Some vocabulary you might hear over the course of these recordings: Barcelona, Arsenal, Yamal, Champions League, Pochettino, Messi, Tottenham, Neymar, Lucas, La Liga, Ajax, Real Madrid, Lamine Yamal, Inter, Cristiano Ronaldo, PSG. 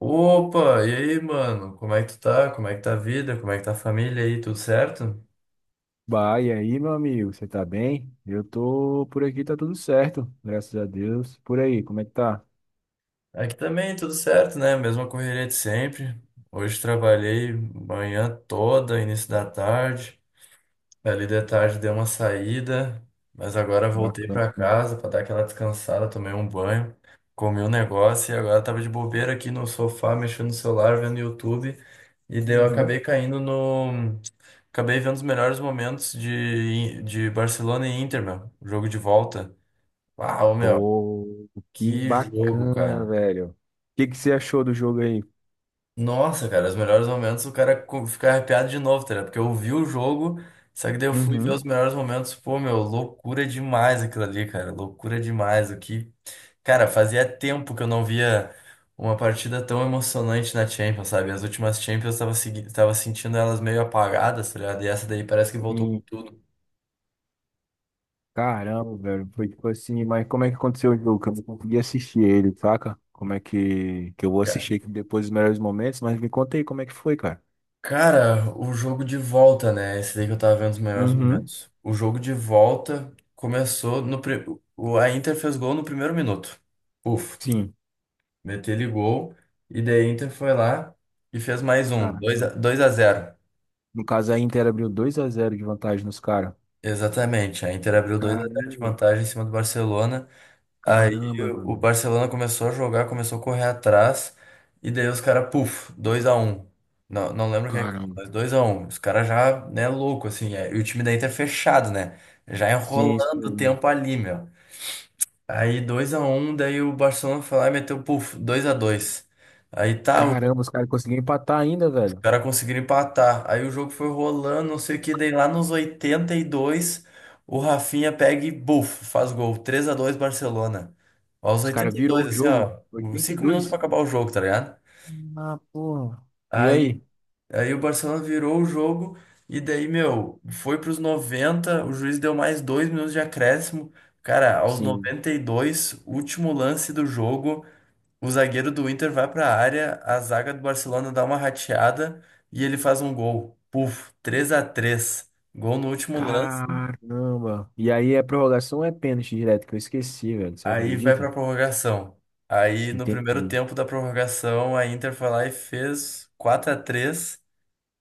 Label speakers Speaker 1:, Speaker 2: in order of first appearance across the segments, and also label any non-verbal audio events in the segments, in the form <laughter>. Speaker 1: Opa, e aí, mano? Como é que tu tá? Como é que tá a vida? Como é que tá a família aí? Tudo certo?
Speaker 2: Bah, e aí, meu amigo, você tá bem? Eu tô por aqui, tá tudo certo, graças a Deus. Por aí, como é que tá?
Speaker 1: Aqui também, tudo certo, né? Mesma correria de sempre. Hoje trabalhei manhã toda, início da tarde. Ali de tarde dei uma saída, mas agora voltei pra
Speaker 2: Bacana.
Speaker 1: casa pra dar aquela descansada, tomei um banho, comi um negócio e agora tava de bobeira aqui no sofá, mexendo no celular, vendo YouTube. E daí eu
Speaker 2: Uhum.
Speaker 1: acabei caindo no acabei vendo os melhores momentos de Barcelona e Inter, meu. Jogo de volta. Uau, meu.
Speaker 2: Pô, que
Speaker 1: Que jogo,
Speaker 2: bacana,
Speaker 1: cara.
Speaker 2: velho. O que você achou do jogo aí?
Speaker 1: Nossa, cara, os melhores momentos, o cara fica arrepiado de novo, tá ligado? Porque eu vi o jogo, só que daí eu fui ver
Speaker 2: Uhum.
Speaker 1: os melhores momentos. Pô, meu, loucura demais aquilo ali, cara. Loucura demais. O que. Cara, fazia tempo que eu não via uma partida tão emocionante na Champions, sabe? As últimas Champions eu tava sentindo elas meio apagadas, tá ligado? E essa daí parece que voltou com
Speaker 2: Sim.
Speaker 1: tudo.
Speaker 2: Caramba, velho, foi tipo assim, mas como é que aconteceu o jogo? Que eu não consegui assistir ele, saca? Como é que eu vou assistir aqui depois dos melhores momentos, mas me conta aí como é que foi, cara.
Speaker 1: Cara, o jogo de volta, né? Esse daí que eu tava vendo os melhores
Speaker 2: Uhum.
Speaker 1: momentos. O jogo de volta começou no. pri- o- a Inter fez gol no primeiro minuto. Puf,
Speaker 2: Sim.
Speaker 1: meteu ele gol. E daí a Inter foi lá e fez mais um.
Speaker 2: Cara,
Speaker 1: Dois a 2 a 0.
Speaker 2: no caso a Inter abriu 2-0 de vantagem nos caras.
Speaker 1: Exatamente. A Inter abriu 2 a 0 de
Speaker 2: Caramba.
Speaker 1: vantagem em cima do Barcelona. Aí
Speaker 2: Caramba,
Speaker 1: o
Speaker 2: velho.
Speaker 1: Barcelona começou a jogar, começou a correr atrás, e daí os caras, puf, 2-1. Não, não lembro quem,
Speaker 2: Caramba.
Speaker 1: mas 2-1. Os caras já, né, louco, assim, é, e o time da Inter é fechado, né? Já
Speaker 2: Sim,
Speaker 1: enrolando o
Speaker 2: sim.
Speaker 1: tempo ali, meu. Aí 2-1, daí o Barcelona foi lá e meteu, puf, 2-2. Aí tá, o
Speaker 2: Caramba, os caras conseguiram empatar ainda, velho.
Speaker 1: cara conseguiram empatar. Aí o jogo foi rolando, não sei o que, daí lá nos 82, o Rafinha pega e buf, faz gol. 3-2, Barcelona. Aos
Speaker 2: Os caras
Speaker 1: oitenta e
Speaker 2: virou
Speaker 1: dois,
Speaker 2: o
Speaker 1: assim,
Speaker 2: jogo.
Speaker 1: ó, 5 minutos pra
Speaker 2: 82.
Speaker 1: acabar o jogo, tá ligado?
Speaker 2: Ah, porra. E
Speaker 1: Aí,
Speaker 2: aí?
Speaker 1: aí o Barcelona virou o jogo e daí, meu, foi pros 90, o juiz deu mais 2 minutos de acréscimo. Cara, aos
Speaker 2: Sim.
Speaker 1: 92, último lance do jogo, o zagueiro do Inter vai para a área, a zaga do Barcelona dá uma rateada e ele faz um gol. Puf, 3-3. Gol no último lance,
Speaker 2: Caramba. E aí é prorrogação ou é pênalti direto? Que eu esqueci, velho. Você
Speaker 1: aí vai para
Speaker 2: acredita?
Speaker 1: a prorrogação. Aí no primeiro
Speaker 2: Entendi.
Speaker 1: tempo da prorrogação, a Inter foi lá e fez 4-3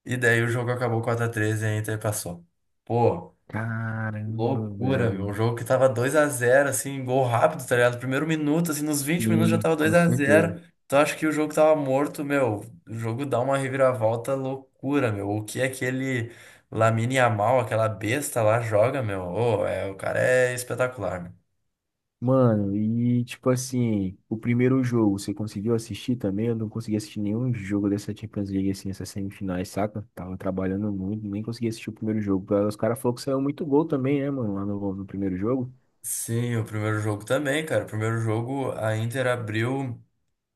Speaker 1: e daí o jogo acabou 4-3 e a Inter passou. Pô,
Speaker 2: Caramba,
Speaker 1: loucura, meu. Um
Speaker 2: velho.
Speaker 1: jogo que tava 2-0, assim, gol rápido, tá ligado? Primeiro minuto, assim, nos 20 minutos já
Speaker 2: Sim,
Speaker 1: tava dois
Speaker 2: com
Speaker 1: a
Speaker 2: certeza.
Speaker 1: zero. Então acho que o jogo tava morto, meu. O jogo dá uma reviravolta loucura, meu. O que aquele Lamine Yamal, aquela besta lá, joga, meu? Ô, é, o cara é espetacular, meu.
Speaker 2: Mano, e tipo assim, o primeiro jogo, você conseguiu assistir também? Eu não consegui assistir nenhum jogo dessa Champions League, assim, essas semifinais, saca? Tava trabalhando muito, nem consegui assistir o primeiro jogo. Os caras falaram que saiu muito gol também, né, mano, lá no primeiro jogo.
Speaker 1: Sim, o primeiro jogo também, cara. O primeiro jogo a Inter abriu.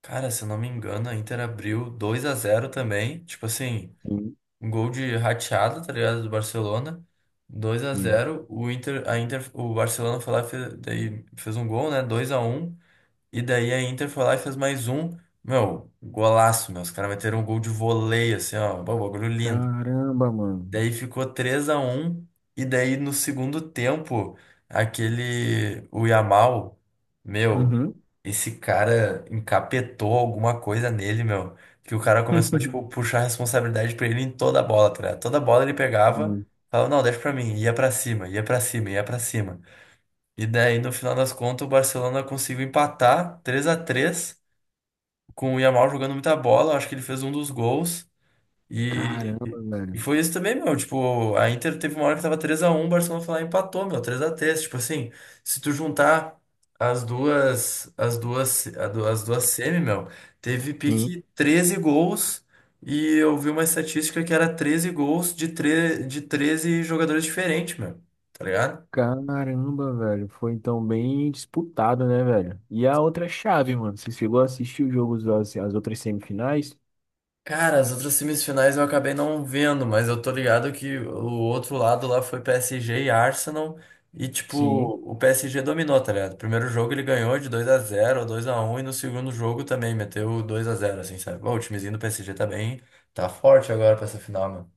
Speaker 1: Cara, se eu não me engano, a Inter abriu 2-0 também. Tipo assim.
Speaker 2: Sim.
Speaker 1: Um gol de rateado, tá ligado? Do Barcelona. dois a
Speaker 2: Sim.
Speaker 1: zero O Inter, a Inter, o Barcelona foi lá e fez, daí fez um gol, né? 2-1. E daí a Inter foi lá e fez mais um. Meu, golaço, meu. Os caras meteram um gol de voleio, assim, ó. Bom, bagulho lindo.
Speaker 2: Caramba, mano.
Speaker 1: Daí ficou 3-1 e daí no segundo tempo, aquele o Yamal, meu,
Speaker 2: Uhum.
Speaker 1: esse cara encapetou alguma coisa nele, meu, que o cara começou tipo
Speaker 2: <laughs>
Speaker 1: puxar a responsabilidade pra ele em toda a bola, tá ligado? Toda bola ele pegava,
Speaker 2: Sim.
Speaker 1: falava, não, deixa pra mim, ia pra cima, ia pra cima, ia pra cima. E daí no final das contas o Barcelona conseguiu empatar 3-3 com o Yamal jogando muita bola, acho que ele fez um dos gols. E,
Speaker 2: Caramba,
Speaker 1: e
Speaker 2: velho.
Speaker 1: foi isso também, meu. Tipo, a Inter teve uma hora que tava 3-1, o Barcelona foi lá e empatou, meu, 3-3. Tipo assim, se tu juntar as duas semi, meu, teve
Speaker 2: Sim.
Speaker 1: pique 13 gols. E eu vi uma estatística que era 13 gols de 13 jogadores diferentes, meu. Tá ligado?
Speaker 2: Caramba, velho. Foi então bem disputado, né, velho? E a outra chave, mano? Você chegou a assistir os jogos, as outras semifinais?
Speaker 1: Cara, as outras semifinais eu acabei não vendo, mas eu tô ligado que o outro lado lá foi PSG e Arsenal. E, tipo,
Speaker 2: Sim.
Speaker 1: o PSG dominou, tá ligado? Primeiro jogo ele ganhou de 2-0, 2-1 e no segundo jogo também meteu 2-0, assim, sabe? Bom, o timezinho do PSG tá bem, tá forte agora pra essa final.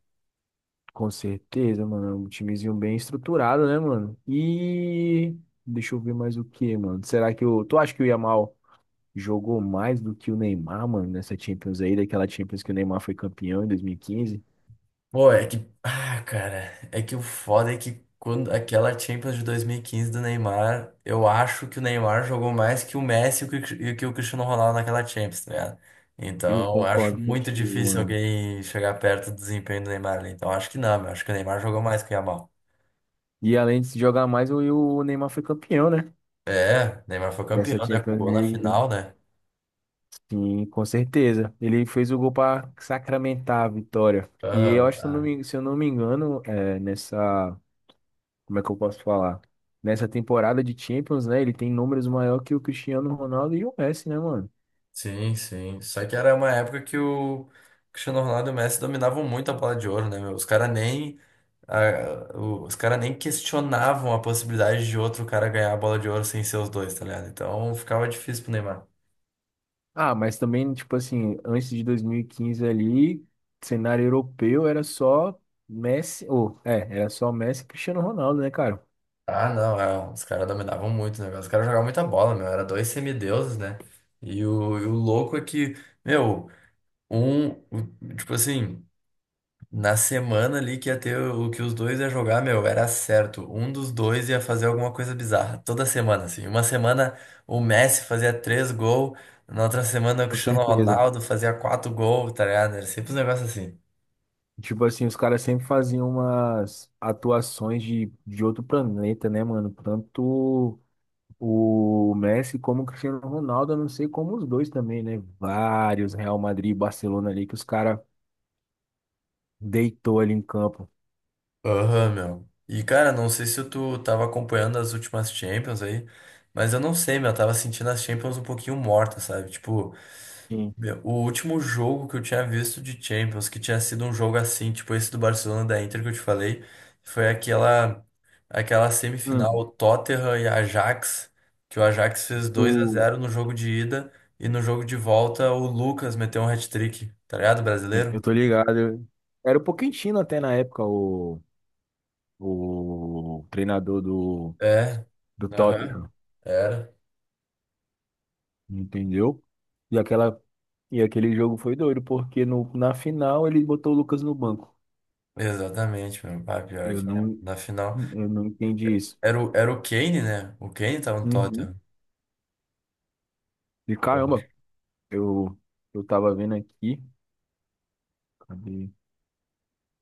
Speaker 2: Com certeza, mano. É um timezinho bem estruturado, né, mano? E deixa eu ver mais o que, mano. Será que o. Tu acha que o Yamal jogou mais do que o Neymar, mano, nessa Champions aí, daquela Champions que o Neymar foi campeão em 2015.
Speaker 1: Pô, é que. Ah, cara. É que o foda é que quando aquela Champions de 2015 do Neymar, eu acho que o Neymar jogou mais que o Messi e que o Cristiano Ronaldo naquela Champions, tá ligado?
Speaker 2: Eu
Speaker 1: Então, eu acho
Speaker 2: concordo
Speaker 1: muito
Speaker 2: contigo,
Speaker 1: difícil
Speaker 2: mano.
Speaker 1: alguém chegar perto do desempenho do Neymar ali. Então, eu acho que não, meu. Acho que o Neymar jogou mais que o Yamal.
Speaker 2: E além de se jogar mais, o Neymar foi campeão, né?
Speaker 1: É, o Neymar foi
Speaker 2: Dessa
Speaker 1: campeão, né? Com
Speaker 2: Champions
Speaker 1: gol na
Speaker 2: League, né?
Speaker 1: final, né?
Speaker 2: Sim, com certeza. Ele fez o gol para sacramentar a vitória. E eu
Speaker 1: Aham.
Speaker 2: acho,
Speaker 1: Ah.
Speaker 2: se eu não me engano, é, nessa. Como é que eu posso falar? Nessa temporada de Champions, né? Ele tem números maior que o Cristiano Ronaldo e o Messi, né, mano?
Speaker 1: Sim, sim. Só que era uma época que o Cristiano Ronaldo e o Messi dominavam muito a bola de ouro, né, meu? Os cara nem questionavam a possibilidade de outro cara ganhar a bola de ouro sem ser os dois, tá ligado? Então ficava difícil pro Neymar.
Speaker 2: Ah, mas também, tipo assim, antes de 2015 ali, cenário europeu era só era só Messi e Cristiano Ronaldo, né, cara?
Speaker 1: Ah, não, é, os caras dominavam muito o negócio. Os caras jogavam muita bola, meu. Era dois semideuses, né? E o louco é que, meu, tipo assim. Na semana ali que ia ter o que os dois ia jogar, meu, era certo. Um dos dois ia fazer alguma coisa bizarra. Toda semana, assim. Uma semana o Messi fazia três gols, na outra semana o
Speaker 2: Com
Speaker 1: Cristiano
Speaker 2: certeza.
Speaker 1: Ronaldo fazia quatro gols, tá ligado? Era sempre um negócio assim.
Speaker 2: Tipo assim, os caras sempre faziam umas atuações de outro planeta, né, mano? Tanto o Messi como o Cristiano Ronaldo, eu não sei como os dois também, né? Vários, Real Madrid e Barcelona ali, que os caras deitou ali em campo.
Speaker 1: Aham, meu. E, cara, não sei se tu tava acompanhando as últimas Champions aí, mas eu não sei, meu. Eu tava sentindo as Champions um pouquinho mortas, sabe? Tipo.
Speaker 2: Sim.
Speaker 1: Meu, o último jogo que eu tinha visto de Champions, que tinha sido um jogo assim, tipo esse do Barcelona da Inter que eu te falei, foi aquela
Speaker 2: Hum,
Speaker 1: semifinal Tottenham e Ajax, que o Ajax fez 2 a
Speaker 2: tu...
Speaker 1: zero no jogo de ida e no jogo de volta o Lucas meteu um hat-trick, tá ligado? Brasileiro?
Speaker 2: eu tô ligado. Era o Pochettino até na época, o treinador do,
Speaker 1: É.
Speaker 2: do
Speaker 1: Aham.
Speaker 2: Tottenham,
Speaker 1: Era.
Speaker 2: entendeu? E aquela, e aquele jogo foi doido, porque no, na final ele botou o Lucas no banco.
Speaker 1: Exatamente, meu. Ah, pior
Speaker 2: Eu
Speaker 1: que
Speaker 2: não,
Speaker 1: é. Na final.
Speaker 2: eu não entendi isso.
Speaker 1: Era o Kane, né? O Kane tava no
Speaker 2: Uhum.
Speaker 1: Tottenham.
Speaker 2: E caramba, eu, eu tava vendo aqui. Cadê?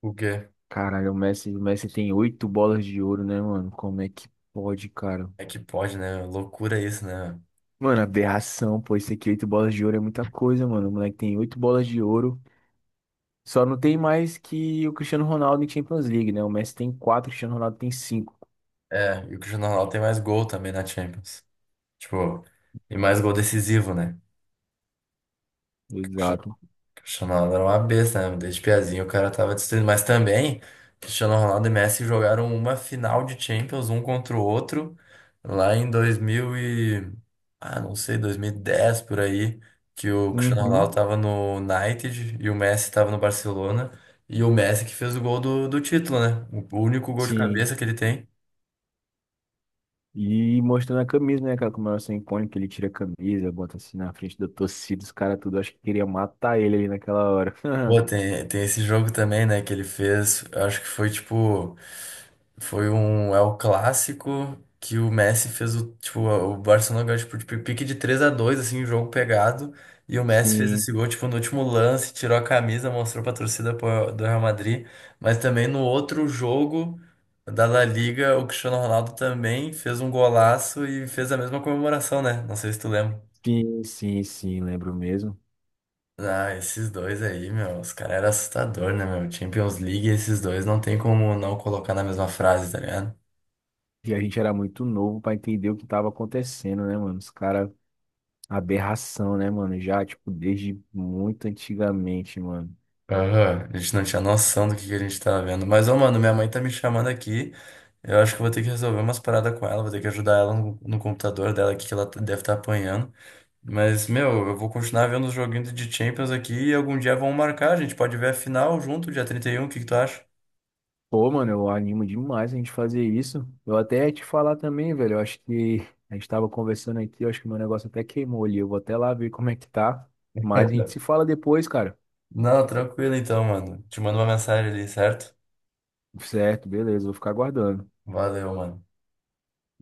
Speaker 1: O quê?
Speaker 2: Caralho, o Messi tem oito bolas de ouro, né, mano? Como é que pode, cara?
Speaker 1: É que pode, né? Loucura isso, né?
Speaker 2: Mano, aberração, pô. Isso aqui, oito bolas de ouro é muita coisa, mano. O moleque tem oito bolas de ouro. Só não tem mais que o Cristiano Ronaldo em Champions League, né? O Messi tem quatro, o Cristiano Ronaldo tem cinco.
Speaker 1: É, e o Cristiano Ronaldo tem mais gol também na Champions. Tipo, e mais gol decisivo, né? O Cristiano
Speaker 2: Exato.
Speaker 1: o Cristiano Ronaldo era uma besta, né? Desde piazinho o cara tava destruindo. Mas também, Cristiano Ronaldo e Messi jogaram uma final de Champions, um contra o outro, lá em 2000 e... Ah, não sei, 2010, por aí, que o Cristiano Ronaldo
Speaker 2: Uhum,
Speaker 1: tava no United e o Messi tava no Barcelona. E o Messi que fez o gol do título, né? O único gol de
Speaker 2: sim.
Speaker 1: cabeça que ele tem.
Speaker 2: E mostrando a camisa, né? Aquela comemoração icônica que ele tira a camisa, bota assim na frente da torcida, os caras tudo. Acho que queria matar ele ali naquela hora.
Speaker 1: Pô,
Speaker 2: <laughs>
Speaker 1: tem esse jogo também, né, que ele fez. Eu acho que foi tipo. Foi um. É o clássico que o Messi fez o. Tipo, o Barcelona ganhou, tipo, de pique de 3-2 assim, um jogo pegado. E o Messi fez
Speaker 2: Sim,
Speaker 1: esse gol, tipo, no último lance, tirou a camisa, mostrou pra torcida pô- do Real Madrid. Mas também no outro jogo da La Liga, o Cristiano Ronaldo também fez um golaço e fez a mesma comemoração, né? Não sei se tu lembra.
Speaker 2: sim, sim, sim, lembro mesmo.
Speaker 1: Ah, esses dois aí, meu, os caras eram assustador, né, meu? Champions League e esses dois não tem como não colocar na mesma frase, tá ligado?
Speaker 2: E a gente era muito novo pra entender o que tava acontecendo, né, mano? Os caras aberração, né, mano? Já, tipo, desde muito antigamente, mano.
Speaker 1: Aham, a gente não tinha noção do que a gente tava vendo. Mas, ô, mano, minha mãe tá me chamando aqui. Eu acho que eu vou ter que resolver umas paradas com ela, vou ter que ajudar ela no computador dela aqui, que ela deve estar apanhando. Mas, meu, eu vou continuar vendo os joguinhos de Champions aqui e algum dia vão marcar. A gente pode ver a final junto, dia 31. O que que tu acha?
Speaker 2: Pô, mano, eu animo demais a gente fazer isso. Eu até ia te falar também, velho. Eu acho que a gente tava conversando aqui, eu acho que meu negócio até queimou ali. Eu vou até lá ver como é que tá. Mas a gente
Speaker 1: <laughs>
Speaker 2: se fala depois, cara.
Speaker 1: Não, tranquilo então, mano. Te mando uma mensagem ali, certo?
Speaker 2: Certo, beleza, vou ficar aguardando.
Speaker 1: Valeu, mano.